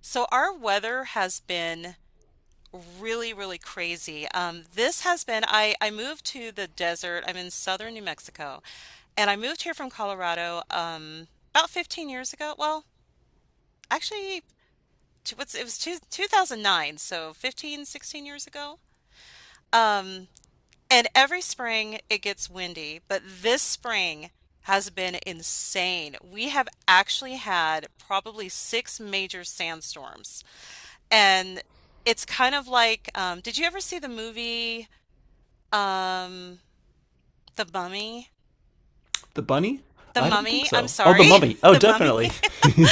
So our weather has been really, really crazy. This has been, I moved to the desert. I'm in southern New Mexico, and I moved here from Colorado about 15 years ago. Well, actually, what's it was 2009, so 15, 16 years ago. Um, and every spring it gets windy, but this spring has been insane. We have actually had probably six major sandstorms. And it's kind of like, did you ever see the movie, um, The Mummy? The bunny? The I don't think Mummy, I'm so. Oh, the sorry. mummy. Oh, The Mummy. definitely.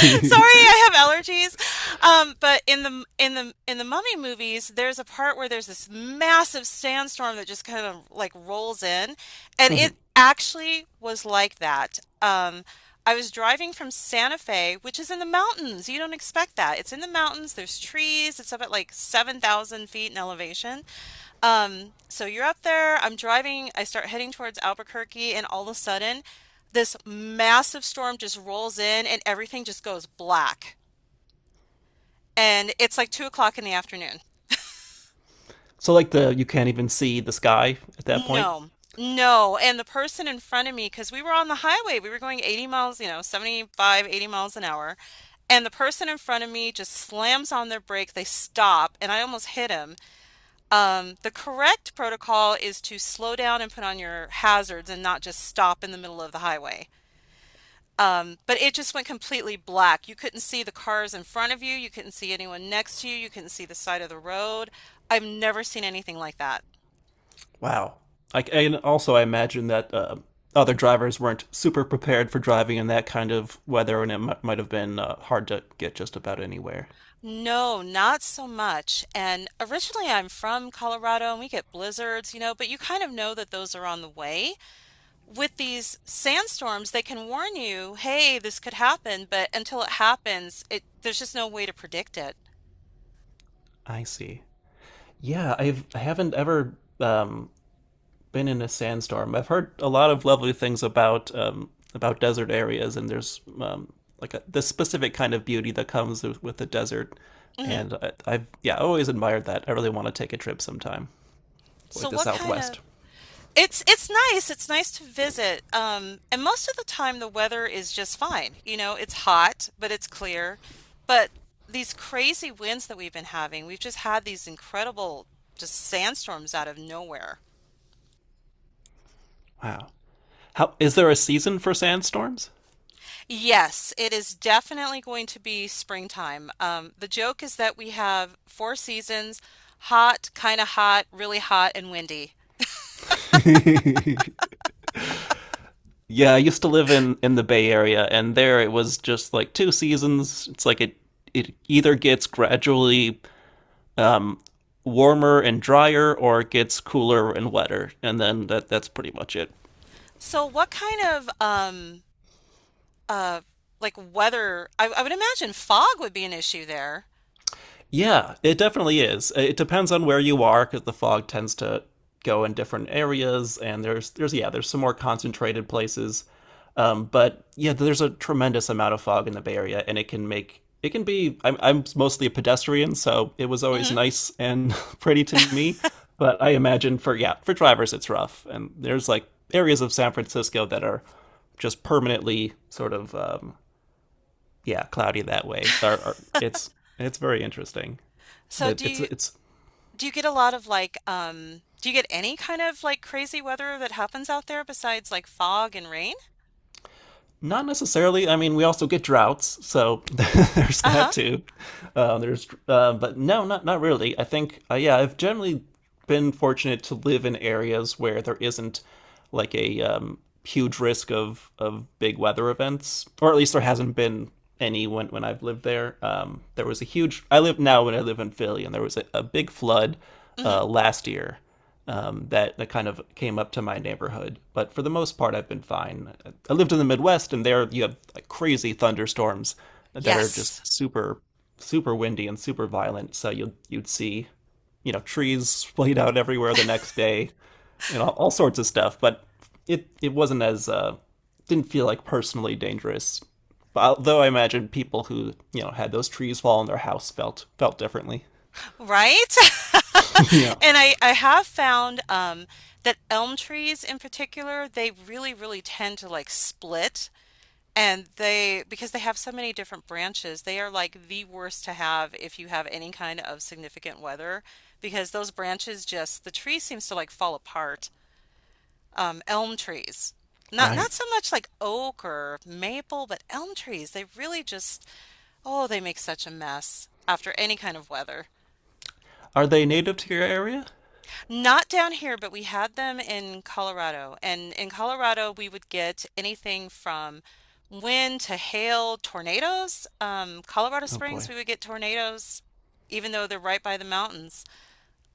Sorry, I have allergies. But in the in the Mummy movies, there's a part where there's this massive sandstorm that just kind of like rolls in, and it Mhm. actually was like that. I was driving from Santa Fe, which is in the mountains. You don't expect that. It's in the mountains. There's trees. It's up at like 7,000 feet in elevation. So you're out there, I'm driving, I start heading towards Albuquerque, and all of a sudden, this massive storm just rolls in and everything just goes black. And it's like 2 o'clock in the afternoon. So like the you can't even see the sky at that point. No, no. And the person in front of me, because we were on the highway, we were going 80 miles, 75, 80 miles an hour. And the person in front of me just slams on their brake. They stop, and I almost hit him. The correct protocol is to slow down and put on your hazards and not just stop in the middle of the highway. But it just went completely black. You couldn't see the cars in front of you. You couldn't see anyone next to you. You couldn't see the side of the road. I've never seen anything like that. Wow. Like and also I imagine that other drivers weren't super prepared for driving in that kind of weather, and it might have been hard to get just about anywhere. No, not so much. And originally I'm from Colorado and we get blizzards, but you kind of know that those are on the way. With these sandstorms, they can warn you, hey, this could happen, but until it happens, it there's just no way to predict it. I see. Yeah, I haven't ever um, been in a sandstorm. I've heard a lot of lovely things about desert areas, and there's like a, this specific kind of beauty that comes with the desert. Hmm. And I've yeah, I always admired that. I really want to take a trip sometime, So like the what kind of Southwest. It's nice. It's nice to visit. And most of the time the weather is just fine. You know, it's hot, but it's clear. But these crazy winds that we've been having, we've just had these incredible just sandstorms out of nowhere. Wow, how is there a season for sandstorms? Yes, it is definitely going to be springtime. The joke is that we have four seasons, hot, kind of hot, really hot, and windy. Yeah, I used to live in the Bay Area, and there it was just like two seasons. It's like it either gets gradually um, warmer and drier or it gets cooler and wetter. And then that's pretty much it. So what kind of uh like weather? I would imagine fog would be an issue there. Yeah, it definitely is. It depends on where you are because the fog tends to go in different areas, and there's yeah there's some more concentrated places, but yeah there's a tremendous amount of fog in the Bay Area, and it can make it can be. I'm mostly a pedestrian, so it was always Hmm. nice and pretty to me, but I imagine for yeah for drivers it's rough, and there's like areas of San Francisco that are just permanently sort of yeah cloudy that way. Or it's very interesting So, that it's it's do you get any kind of like crazy weather that happens out there besides like fog and rain? not necessarily. I mean, we also get droughts, so there's Uh-huh. that too. There's, but no, not not really. I think, yeah, I've generally been fortunate to live in areas where there isn't like a huge risk of big weather events, or at least there hasn't been any when I've lived there. There was a huge. I live now when I live in Philly, and there was a big flood Hmm. Last year that that kind of came up to my neighborhood. But for the most part, I've been fine. I lived in the Midwest, and there you have like crazy thunderstorms that are just Yes. super, super windy and super violent. So you'd see, you know, trees splayed out everywhere the next day, and all sorts of stuff. But it wasn't as didn't feel like personally dangerous. Although I imagine people who you know had those trees fall on their house felt felt differently. Right? And I have found that elm trees in particular, they really, really tend to like split. And they, because they have so many different branches, they are like the worst to have if you have any kind of significant weather, because those branches just, the tree seems to like fall apart. Elm trees. Not Right? so much like oak or maple, but elm trees, they really just, oh, they make such a mess after any kind of weather. Are they native to your area? Not down here, but we had them in Colorado. And in Colorado, we would get anything from wind to hail, tornadoes. Colorado Oh Springs, boy. we would get tornadoes, even though they're right by the mountains.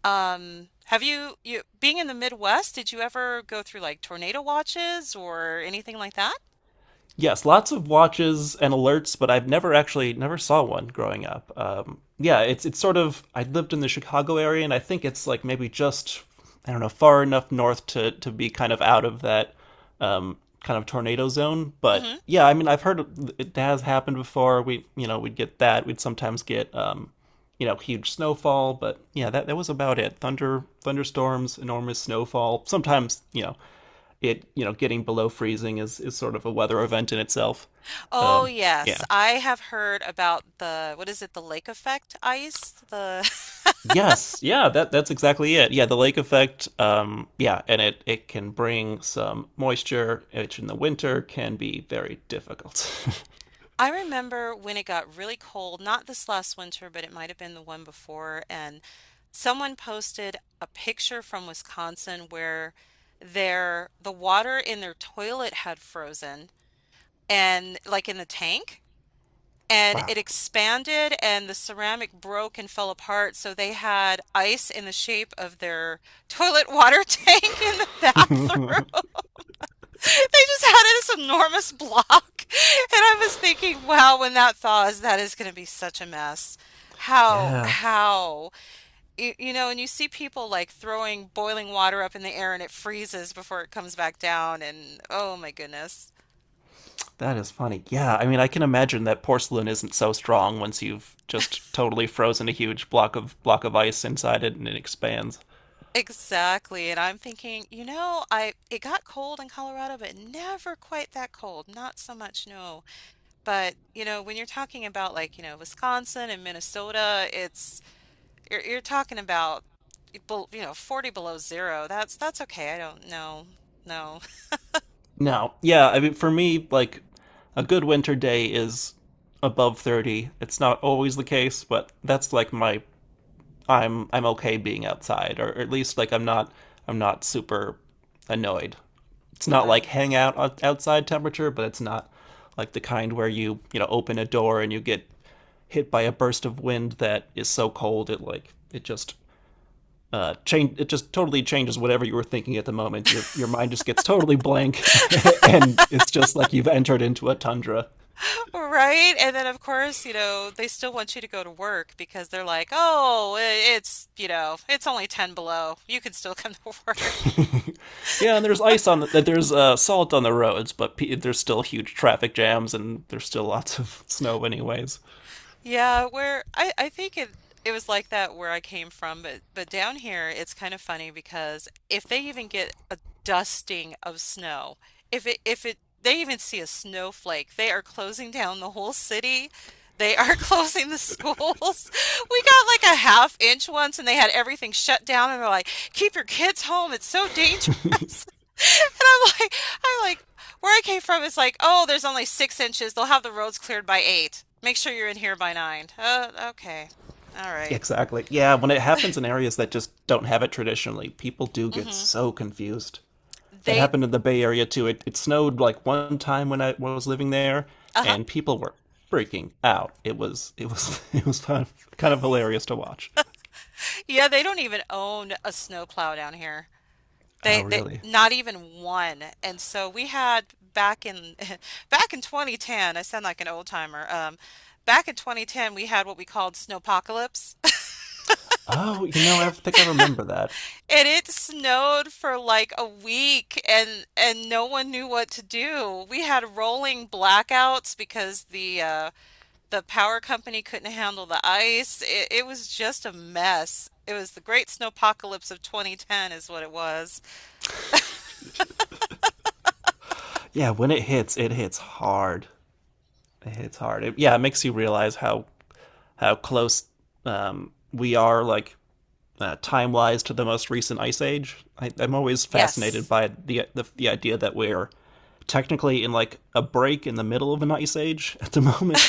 Being in the Midwest, did you ever go through like tornado watches or anything like that? Yes, lots of watches and alerts, but I've never actually never saw one growing up. Yeah, it's sort of I lived in the Chicago area, and I think it's like maybe just I don't know far enough north to be kind of out of that um, kind of tornado zone. But Hmm. yeah, I mean I've heard it has happened before. We you know we'd get that. We'd sometimes get you know huge snowfall, but yeah, that that was about it. Thunder, thunderstorms, enormous snowfall. Sometimes you know it you know getting below freezing is sort of a weather event in itself. Oh, Um, yeah. yes. I have heard about the, what is it, the lake effect ice? The. Yes. Yeah. That that's exactly it. Yeah. The lake effect. Yeah, and it can bring some moisture, which in the winter can be very difficult. I remember when it got really cold, not this last winter, but it might have been the one before, and someone posted a picture from Wisconsin where the water in their toilet had frozen and like in the tank and Wow. it expanded and the ceramic broke and fell apart, so they had ice in the shape of their toilet water tank in the bathroom. They just had this enormous block. And I was thinking, wow, when that thaws, that is going to be such a mess. Yeah. How, you, you know, and you see people like throwing boiling water up in the air and it freezes before it comes back down. And oh my goodness. That is funny. Yeah, I mean, I can imagine that porcelain isn't so strong once you've just totally frozen a huge block of ice inside it and it expands. Exactly. And I'm thinking, you know, I it got cold in Colorado, but never quite that cold. Not so much, no. But, when you're talking about like, Wisconsin and Minnesota. It's You're you're talking about 40 below zero. That's okay. I don't know. No. No. Yeah, I mean for me like a good winter day is above 30. It's not always the case, but that's like my I'm okay being outside or at least like I'm not super annoyed. It's not like Wow. hang out outside temperature, but it's not like the kind where you know, open a door and you get hit by a burst of wind that is so cold it like it just change it just totally changes whatever you were thinking at the moment. Your mind just gets totally blank, and it's just like you've entered into a tundra. Right? And then of course, they still want you to go to work because they're like, "Oh, it's only 10 below. You can still come to work." Yeah, and there's ice on the, there's salt on the roads, but there's still huge traffic jams, and there's still lots of snow, anyways. Yeah, where I think it was like that where I came from, but down here it's kind of funny because if they even get a dusting of snow, if it they even see a snowflake, they are closing down the whole city. They are closing the schools. We got like a half inch once and they had everything shut down and they're like, "Keep your kids home. It's so dangerous." And I'm like, I'm like, where I came from is like, oh, there's only 6 inches. They'll have the roads cleared by eight. Make sure you're in here by nine. Okay. All right. Exactly. Yeah, when it happens in areas that just don't have it traditionally, people do get Mm-hmm. so confused. That They, happened in the Bay Area too. It snowed like one time when I was living there, uh-huh. and people were freaking out. It was it was kind of hilarious to watch. Yeah, they don't even own a snowplow down here. They, Oh they, really? not even one. And so we had back in, back in 2010, I sound like an old timer. Back in 2010, we had what we called snowpocalypse. Oh, you know, I think I remember that. And it snowed for like a week and no one knew what to do. We had rolling blackouts because the power company couldn't handle the ice. It was just a mess. It was the great snowpocalypse of 2010 is what it was. Yeah, when it hits hard. It hits hard. It, yeah, it makes you realize how close we are, like time wise, to the most recent ice age. I'm always fascinated Yes. by the idea that we're technically in like a break in the middle of an ice age at the moment.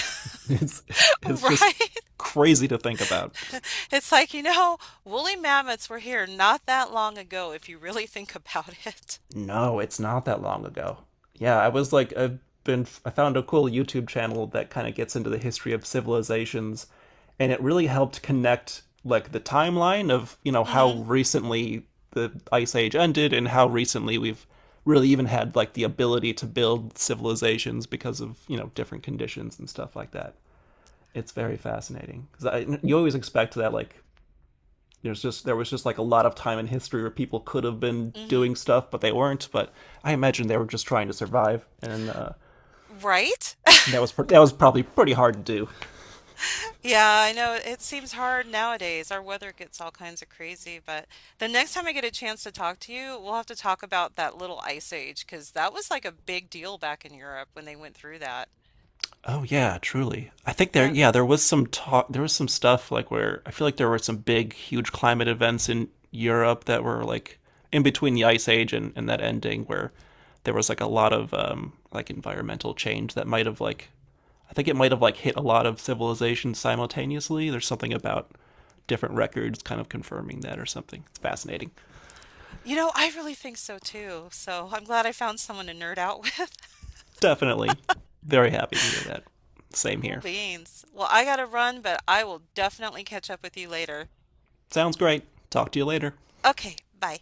It's it's just Right? crazy to think about. It's like, woolly mammoths were here not that long ago if you really think about it. No, it's not that long ago. Yeah, I was like I found a cool YouTube channel that kind of gets into the history of civilizations and it really helped connect like the timeline of, you know, how Hmm. recently the ice age ended and how recently we've really even had like the ability to build civilizations because of, you know, different conditions and stuff like that. It's very fascinating because you always expect that like there was just like a lot of time in history where people could have been Hmm. doing stuff but they weren't. But I imagine they were just trying to survive, and Right? That was probably pretty hard to do. Yeah, I know it seems hard nowadays. Our weather gets all kinds of crazy, but the next time I get a chance to talk to you, we'll have to talk about that little ice age because that was like a big deal back in Europe when they went through that. Oh yeah, truly. I think there Yeah, yeah there was some talk there was some stuff like where I feel like there were some big huge climate events in Europe that were like in between the ice age and that ending where there was like a lot of like environmental change that might have like I think it might have like hit a lot of civilizations simultaneously. There's something about different records kind of confirming that or something. It's fascinating. I really think so too. So I'm glad I found someone to nerd out with. Definitely very happy to hear that. Same Cool here. beans. Well, I gotta run, but I will definitely catch up with you later. Sounds great. Talk to you later. Okay, bye.